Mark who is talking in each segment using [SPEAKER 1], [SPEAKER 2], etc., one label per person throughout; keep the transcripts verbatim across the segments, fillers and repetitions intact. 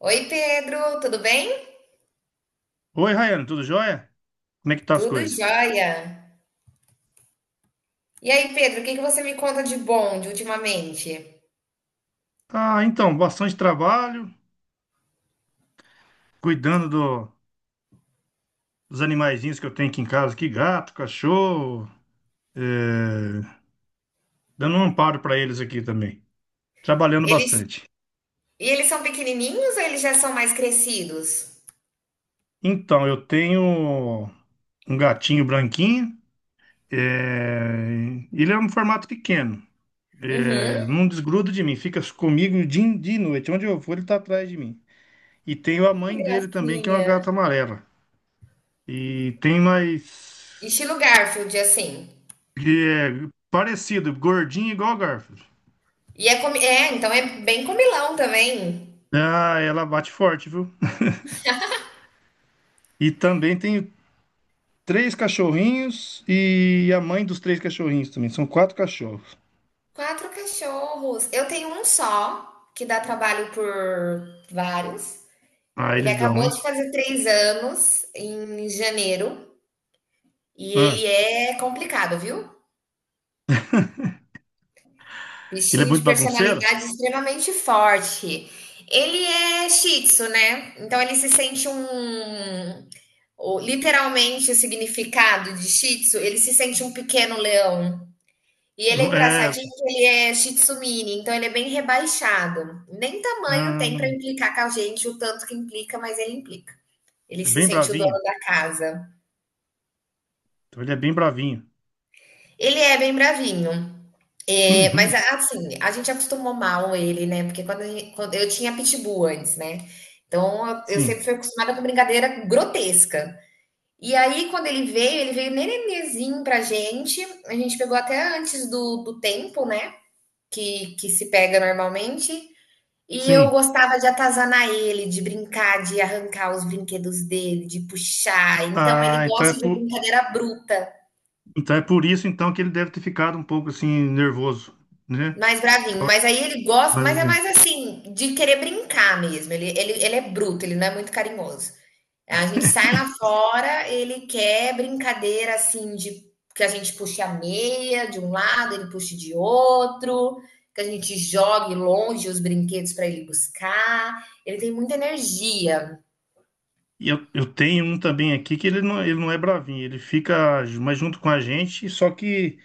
[SPEAKER 1] Oi, Pedro, tudo bem?
[SPEAKER 2] Oi, Raiane, tudo jóia? Como é que tá as
[SPEAKER 1] Tudo
[SPEAKER 2] coisas?
[SPEAKER 1] jóia. E aí, Pedro, o que que você me conta de bom de ultimamente?
[SPEAKER 2] Ah, então, bastante trabalho, cuidando do- dos animaizinhos que eu tenho aqui em casa, aqui, gato, cachorro, é, dando um amparo para eles aqui também, trabalhando
[SPEAKER 1] Eles,
[SPEAKER 2] bastante.
[SPEAKER 1] e eles são pequenininhos ou eles já são mais crescidos?
[SPEAKER 2] Então, eu tenho um gatinho branquinho, é, ele é um formato pequeno,
[SPEAKER 1] Uhum,
[SPEAKER 2] é, não desgruda de mim, fica comigo dia e dia e noite, onde eu vou ele tá atrás de mim. E tenho a
[SPEAKER 1] que
[SPEAKER 2] mãe dele também, que é uma
[SPEAKER 1] gracinha.
[SPEAKER 2] gata amarela. E tem mais.
[SPEAKER 1] Estilo Garfield, assim.
[SPEAKER 2] Que é parecido, gordinho igual a Garfield.
[SPEAKER 1] E é, comi- é, então é bem comilão também.
[SPEAKER 2] Ah, ela bate forte, viu? E também tem três cachorrinhos e a mãe dos três cachorrinhos também. São quatro cachorros.
[SPEAKER 1] Quatro cachorros. Eu tenho um só, que dá trabalho por vários.
[SPEAKER 2] Ah,
[SPEAKER 1] Ele
[SPEAKER 2] eles dão,
[SPEAKER 1] acabou de
[SPEAKER 2] hein?
[SPEAKER 1] fazer três anos em janeiro. E
[SPEAKER 2] Ah,
[SPEAKER 1] ele é complicado, viu?
[SPEAKER 2] ele é
[SPEAKER 1] Bichinho de
[SPEAKER 2] muito bagunceiro?
[SPEAKER 1] personalidade extremamente forte. Ele é Shih Tzu, né? Então ele se sente um. o- Literalmente o significado de Shih Tzu, ele se sente um pequeno leão. E ele é
[SPEAKER 2] Não, é,
[SPEAKER 1] engraçadinho que ele é Shih Tzu mini, então ele é bem rebaixado. Nem tamanho tem
[SPEAKER 2] ah,
[SPEAKER 1] para implicar com a gente, o tanto que implica, mas ele implica. Ele
[SPEAKER 2] é
[SPEAKER 1] se
[SPEAKER 2] bem
[SPEAKER 1] sente o
[SPEAKER 2] bravinho.
[SPEAKER 1] dono da casa.
[SPEAKER 2] Então ele é bem bravinho.
[SPEAKER 1] Ele é bem bravinho. É,
[SPEAKER 2] Uhum.
[SPEAKER 1] mas assim, a gente acostumou mal ele, né? Porque quando, a gente- quando- eu tinha pitbull antes, né? Então eu, eu sempre
[SPEAKER 2] Sim,
[SPEAKER 1] fui acostumada com brincadeira grotesca. E aí, quando ele veio, ele veio nenenezinho pra gente. A gente pegou até antes do, do tempo, né? Que, que se pega normalmente. E eu
[SPEAKER 2] sim.
[SPEAKER 1] gostava de atazanar ele, de brincar, de arrancar os brinquedos dele, de puxar. Então ele
[SPEAKER 2] Ah, então é
[SPEAKER 1] gosta de
[SPEAKER 2] por,
[SPEAKER 1] brincadeira bruta.
[SPEAKER 2] então é por isso então que ele deve ter ficado um pouco assim nervoso, né?
[SPEAKER 1] Mais bravinho,
[SPEAKER 2] Ficou
[SPEAKER 1] mas aí ele gosta,
[SPEAKER 2] mais
[SPEAKER 1] mas é
[SPEAKER 2] assim.
[SPEAKER 1] mais assim, de querer brincar mesmo. Ele, ele, ele é bruto, ele não é muito carinhoso. A gente sai lá fora, ele quer brincadeira assim de que a gente puxe a meia de um lado, ele puxe de outro, que a gente jogue longe os brinquedos para ele buscar. Ele tem muita energia.
[SPEAKER 2] E eu, eu tenho um também aqui que ele não, ele não é bravinho, ele fica ju- mais junto com a gente, só que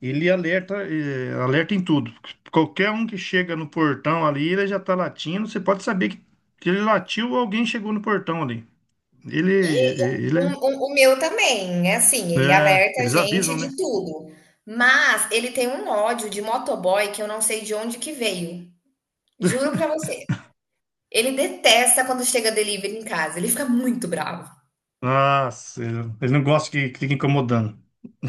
[SPEAKER 2] ele alerta, eh, alerta em tudo. Qualquer um que chega no portão ali, ele já tá latindo, você pode saber que, que ele latiu ou alguém chegou no portão ali. Ele,
[SPEAKER 1] E
[SPEAKER 2] eh,
[SPEAKER 1] o,
[SPEAKER 2] ele,
[SPEAKER 1] o, o meu também, é assim, ele
[SPEAKER 2] é,
[SPEAKER 1] alerta a
[SPEAKER 2] eles
[SPEAKER 1] gente
[SPEAKER 2] avisam, né?
[SPEAKER 1] de tudo. Mas ele tem um ódio de motoboy que eu não sei de onde que veio. Juro pra você. Ele detesta quando chega delivery em casa, ele fica muito bravo.
[SPEAKER 2] Nossa, eles não gostam que, que fique incomodando.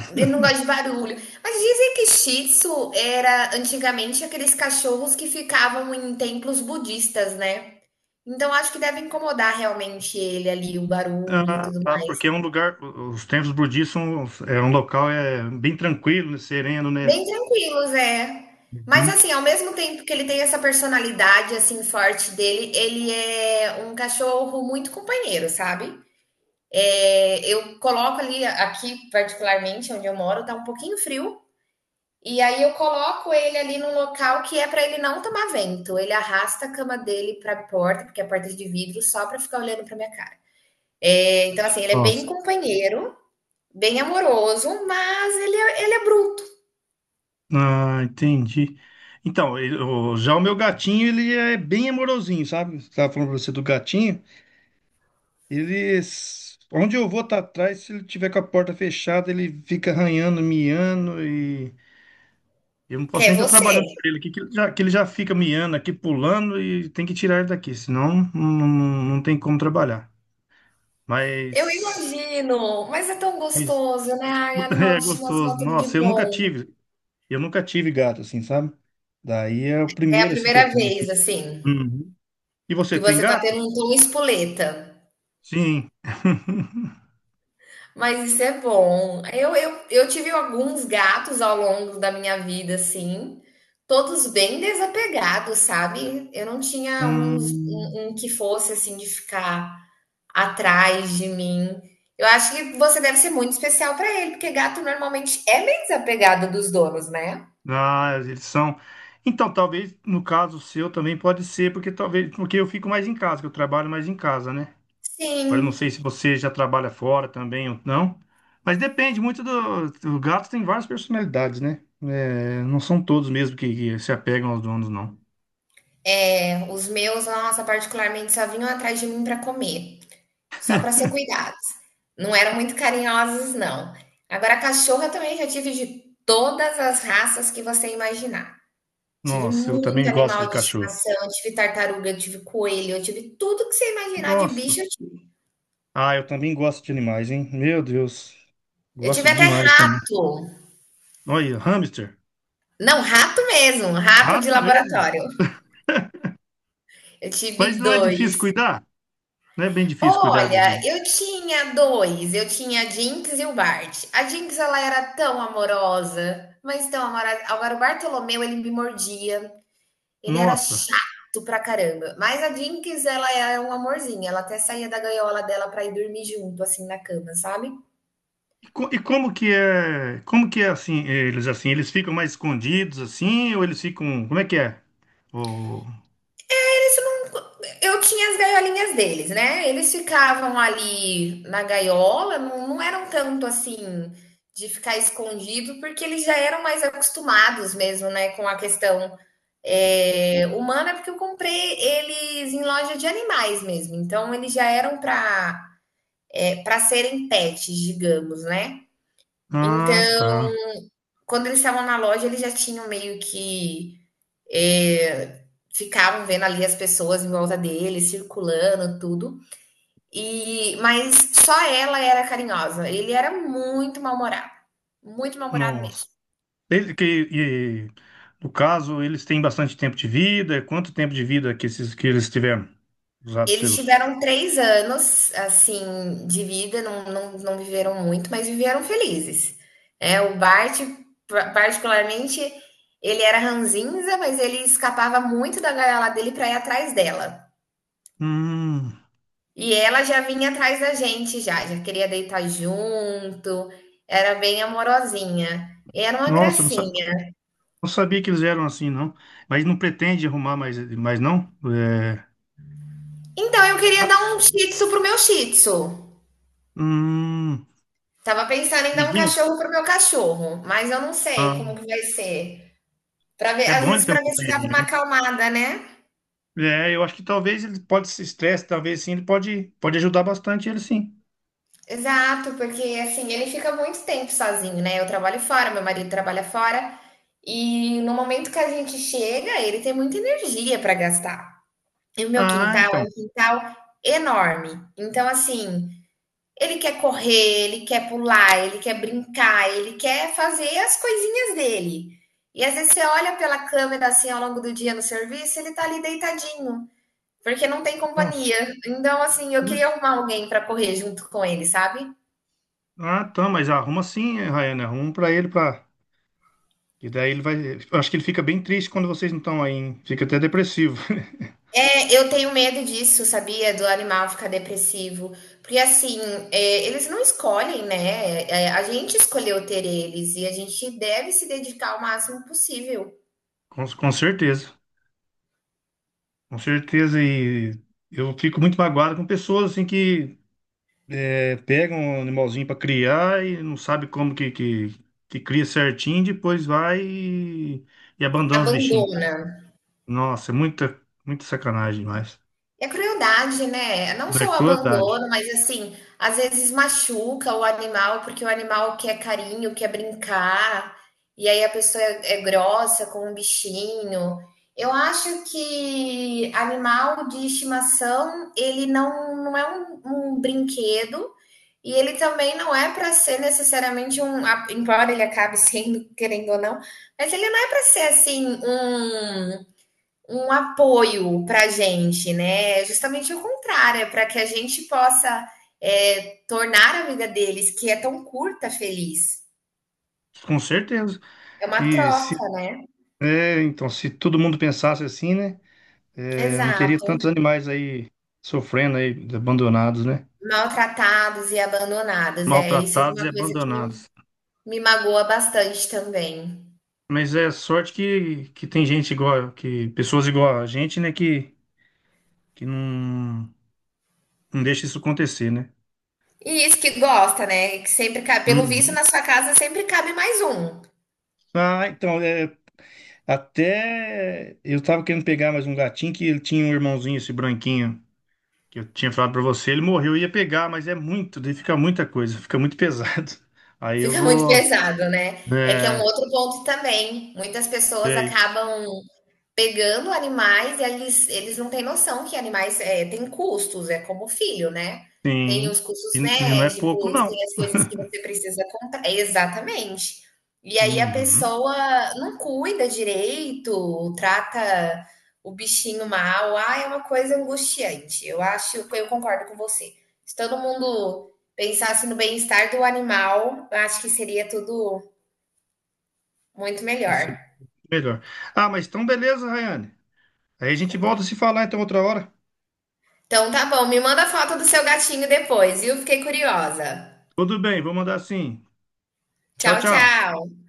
[SPEAKER 1] Ele não gosta de barulho. Mas dizem que Shih Tzu era antigamente aqueles cachorros que ficavam em templos budistas, né. Então acho que deve incomodar realmente ele ali, o barulho e tudo
[SPEAKER 2] Tá, porque é
[SPEAKER 1] mais.
[SPEAKER 2] um lugar, os templos budistas são, é um local é, bem tranquilo, né, sereno, né?
[SPEAKER 1] Bem tranquilos, é. Mas
[SPEAKER 2] Hum.
[SPEAKER 1] assim, ao mesmo tempo que ele tem essa personalidade, assim, forte dele, ele é um cachorro muito companheiro, sabe. É, eu coloco ali, aqui particularmente, onde eu moro, tá um pouquinho frio. E aí eu coloco ele ali num local que é para ele não tomar vento. Ele arrasta a cama dele para a porta, porque é a porta é de vidro, só para ficar olhando para minha cara. É, então, assim, ele é bem
[SPEAKER 2] Nossa.
[SPEAKER 1] companheiro, bem amoroso, mas ele é, ele é bruto,
[SPEAKER 2] Ah, entendi. Então, ele- o- já o meu gatinho, ele é bem amorosinho, sabe? Estava falando pra você do gatinho. Ele, s- onde eu vou tá atrás, se ele tiver com a porta fechada, ele fica arranhando, miando e eu não
[SPEAKER 1] que
[SPEAKER 2] posso
[SPEAKER 1] é
[SPEAKER 2] nem estar trabalhando
[SPEAKER 1] você.
[SPEAKER 2] para ele aqui, que ele já, que ele já fica miando aqui, pulando e tem que tirar ele daqui, senão não, não, não tem como trabalhar.
[SPEAKER 1] Eu
[SPEAKER 2] Mas,
[SPEAKER 1] imagino, mas é tão
[SPEAKER 2] mas
[SPEAKER 1] gostoso, né? Ai, animal
[SPEAKER 2] é
[SPEAKER 1] de estimação,
[SPEAKER 2] gostoso.
[SPEAKER 1] tudo de
[SPEAKER 2] Nossa, eu nunca
[SPEAKER 1] bom.
[SPEAKER 2] tive, eu nunca tive gato assim, sabe? Daí é o
[SPEAKER 1] É a
[SPEAKER 2] primeiro assim que
[SPEAKER 1] primeira
[SPEAKER 2] eu tenho. Assim.
[SPEAKER 1] vez, assim,
[SPEAKER 2] E você
[SPEAKER 1] que
[SPEAKER 2] tem
[SPEAKER 1] você tá
[SPEAKER 2] gato?
[SPEAKER 1] tendo um tom espoleta.
[SPEAKER 2] Sim.
[SPEAKER 1] Mas isso é bom. Eu, eu, eu tive alguns gatos ao longo da minha vida, assim, todos bem desapegados, sabe? Eu não tinha uns,
[SPEAKER 2] Hum,
[SPEAKER 1] um, um que fosse, assim, de ficar atrás de mim. Eu acho que você deve ser muito especial para ele, porque gato normalmente é bem desapegado dos donos, né?
[SPEAKER 2] ah, eles são. Então, talvez no caso seu também pode ser, porque talvez porque eu fico mais em casa, que eu trabalho mais em casa, né? Agora eu não sei se
[SPEAKER 1] Sim.
[SPEAKER 2] você já trabalha fora também ou não, mas depende muito do. O gato tem várias personalidades, né? É, não são todos mesmo que, que se apegam aos donos, não.
[SPEAKER 1] É, os meus, nossa, particularmente, só vinham atrás de mim para comer. Só para ser cuidado. Não eram muito carinhosos, não. Agora, cachorra também já tive de todas as raças que você imaginar. Tive
[SPEAKER 2] Nossa, eu
[SPEAKER 1] muito
[SPEAKER 2] também gosto de
[SPEAKER 1] animal de
[SPEAKER 2] cachorro.
[SPEAKER 1] estimação, tive tartaruga, eu tive coelho, eu tive tudo que você imaginar de bicho,
[SPEAKER 2] Nossa.
[SPEAKER 1] eu tive.
[SPEAKER 2] Ah, eu também gosto de animais, hein? Meu Deus.
[SPEAKER 1] Eu tive
[SPEAKER 2] Gosto
[SPEAKER 1] até
[SPEAKER 2] demais também.
[SPEAKER 1] rato.
[SPEAKER 2] Olha, hamster.
[SPEAKER 1] Não, rato mesmo, rato de
[SPEAKER 2] Rato mesmo?
[SPEAKER 1] laboratório. Eu
[SPEAKER 2] Mas
[SPEAKER 1] tive
[SPEAKER 2] não é difícil
[SPEAKER 1] dois.
[SPEAKER 2] cuidar? Não é bem difícil cuidar de...
[SPEAKER 1] Olha,
[SPEAKER 2] de-
[SPEAKER 1] eu tinha dois. Eu tinha a Jinx e o Bart. A Jinx, ela era tão amorosa, mas tão amorosa. Agora, o Bartolomeu, ele me mordia. Ele era
[SPEAKER 2] Nossa.
[SPEAKER 1] chato pra caramba. Mas a Jinx, ela é um amorzinho. Ela até saía da gaiola dela pra ir dormir junto, assim, na cama, sabe?
[SPEAKER 2] E, co- e como que é, como que é assim, eles assim, eles ficam mais escondidos assim ou eles ficam, como é que é? Oh.
[SPEAKER 1] Eles não. Eu tinha as gaiolinhas deles, né? Eles ficavam ali na gaiola, não, não eram tanto assim de ficar escondido, porque eles já eram mais acostumados mesmo, né, com a questão é, humana, porque eu comprei eles em loja de animais mesmo. Então, eles já eram para para serem pets, digamos, né?
[SPEAKER 2] Ah,
[SPEAKER 1] Então,
[SPEAKER 2] tá.
[SPEAKER 1] quando eles estavam na loja, eles já tinham meio que. é, ficavam vendo ali as pessoas em volta dele, circulando, tudo. E, mas só ela era carinhosa. Ele era muito mal-humorado. Muito mal-humorado
[SPEAKER 2] Nossa.
[SPEAKER 1] mesmo.
[SPEAKER 2] Ele- que, e, no caso, eles têm bastante tempo de vida. Quanto tempo de vida que esses que eles tiveram? Os ratos
[SPEAKER 1] Eles
[SPEAKER 2] seus?
[SPEAKER 1] tiveram três anos, assim, de vida, não, não, não viveram muito, mas viveram felizes. É, o Bart, particularmente, ele era ranzinza, mas ele escapava muito da gaiola dele para ir atrás dela.
[SPEAKER 2] Hum.
[SPEAKER 1] E ela já vinha atrás da gente já, já queria deitar junto, era bem amorosinha. Era uma
[SPEAKER 2] Nossa, não, sa-
[SPEAKER 1] gracinha.
[SPEAKER 2] não sabia que eles eram assim, não. Mas não pretende arrumar mais, mais não? É,
[SPEAKER 1] Então eu queria dar
[SPEAKER 2] ratos?
[SPEAKER 1] um shih tzu pro meu shih tzu.
[SPEAKER 2] Hum,
[SPEAKER 1] Tava pensando em dar um
[SPEAKER 2] amiguinho?
[SPEAKER 1] cachorro pro meu cachorro, mas eu não sei
[SPEAKER 2] Ah,
[SPEAKER 1] como que vai ser. Para ver,
[SPEAKER 2] é
[SPEAKER 1] às
[SPEAKER 2] bom ele
[SPEAKER 1] vezes
[SPEAKER 2] ter um
[SPEAKER 1] para ver se dava
[SPEAKER 2] companheirinho,
[SPEAKER 1] uma
[SPEAKER 2] né?
[SPEAKER 1] acalmada, né?
[SPEAKER 2] É, eu acho que talvez ele pode se estresse, talvez sim, ele pode, pode ajudar bastante ele sim.
[SPEAKER 1] Exato, porque assim, ele fica muito tempo sozinho, né? Eu trabalho fora, meu marido trabalha fora, e no momento que a gente chega, ele tem muita energia para gastar. E o meu
[SPEAKER 2] Ah,
[SPEAKER 1] quintal é
[SPEAKER 2] então.
[SPEAKER 1] um quintal enorme. Então, assim, ele quer correr, ele quer pular, ele quer brincar, ele quer fazer as coisinhas dele. E às vezes você olha pela câmera assim ao longo do dia no serviço, ele tá ali deitadinho, porque não tem
[SPEAKER 2] Nossa.
[SPEAKER 1] companhia. Então, assim, eu
[SPEAKER 2] tu-
[SPEAKER 1] queria arrumar alguém para correr junto com ele, sabe?
[SPEAKER 2] Ah, tá, mas arruma sim, eh, Rayane, arruma pra ele, pra... E daí ele vai... eu acho que ele fica bem triste quando vocês não estão aí, hein? Fica até depressivo.
[SPEAKER 1] É, eu tenho medo disso, sabia? Do animal ficar depressivo. Porque assim, é, eles não escolhem, né? É, a gente escolheu ter eles e a gente deve se dedicar ao máximo possível.
[SPEAKER 2] Com, com certeza. Com certeza, e eu fico muito magoado com pessoas assim que... É, pega um animalzinho para criar e não sabe como que, que, que cria certinho, depois vai e, e abandona os bichinhos.
[SPEAKER 1] Abandona.
[SPEAKER 2] Nossa, é muita, muita sacanagem demais.
[SPEAKER 1] É crueldade, né? Não
[SPEAKER 2] Não é
[SPEAKER 1] só o
[SPEAKER 2] crueldade.
[SPEAKER 1] abandono, mas assim, às vezes machuca o animal, porque o animal quer carinho, quer brincar, e aí a pessoa é, é grossa com o bichinho. Eu acho que animal de estimação, ele não, não é um, um brinquedo, e ele também não é para ser necessariamente um, a- embora ele acabe sendo, querendo ou não, mas ele não é para ser assim um um apoio para a gente, né? É justamente o contrário, é para que a gente possa é, tornar a vida deles, que é tão curta, feliz.
[SPEAKER 2] Com certeza.
[SPEAKER 1] É uma
[SPEAKER 2] E se,
[SPEAKER 1] troca, né?
[SPEAKER 2] é, então, se todo mundo pensasse assim, né? É, não teria
[SPEAKER 1] Exato.
[SPEAKER 2] tantos animais aí sofrendo aí, abandonados, né?
[SPEAKER 1] Maltratados e abandonados. É, isso é
[SPEAKER 2] Maltratados
[SPEAKER 1] uma
[SPEAKER 2] e
[SPEAKER 1] coisa que
[SPEAKER 2] abandonados.
[SPEAKER 1] me magoa bastante também.
[SPEAKER 2] Mas é sorte que, que tem gente igual, que pessoas igual a gente, né? Que, que não, não deixa isso acontecer, né?
[SPEAKER 1] E isso que gosta, né? Que sempre cabe, pelo visto,
[SPEAKER 2] Uhum.
[SPEAKER 1] na sua casa sempre cabe mais um.
[SPEAKER 2] Ah, então, é, até eu tava querendo pegar mais um gatinho que ele tinha um irmãozinho, esse branquinho, que eu tinha falado pra você, ele morreu, eu ia pegar, mas é muito, daí fica muita coisa, fica muito pesado. Aí eu
[SPEAKER 1] Fica muito
[SPEAKER 2] vou.
[SPEAKER 1] pesado, né? É que é um
[SPEAKER 2] É,
[SPEAKER 1] outro ponto também. Muitas pessoas
[SPEAKER 2] é isso.
[SPEAKER 1] acabam pegando animais e eles, eles não têm noção que animais é, têm custos, é como filho, né? Tem
[SPEAKER 2] Sim.
[SPEAKER 1] os
[SPEAKER 2] E,
[SPEAKER 1] custos
[SPEAKER 2] e não é pouco,
[SPEAKER 1] médicos,
[SPEAKER 2] não.
[SPEAKER 1] tem as coisas que você precisa comprar. É, exatamente. E aí a
[SPEAKER 2] Uhum.
[SPEAKER 1] pessoa não cuida direito, trata o bichinho mal. Ah, é uma coisa angustiante. Eu acho, eu concordo com você. Se todo mundo pensasse no bem-estar do animal, eu acho que seria tudo muito
[SPEAKER 2] Esse
[SPEAKER 1] melhor.
[SPEAKER 2] é melhor. Ah, mas então beleza, Rayane. Aí a gente volta a se falar então outra hora.
[SPEAKER 1] Então tá bom, me manda a foto do seu gatinho depois, viu? Fiquei curiosa.
[SPEAKER 2] Tudo bem, vou mandar assim. Tchau,
[SPEAKER 1] Tchau,
[SPEAKER 2] tchau.
[SPEAKER 1] tchau.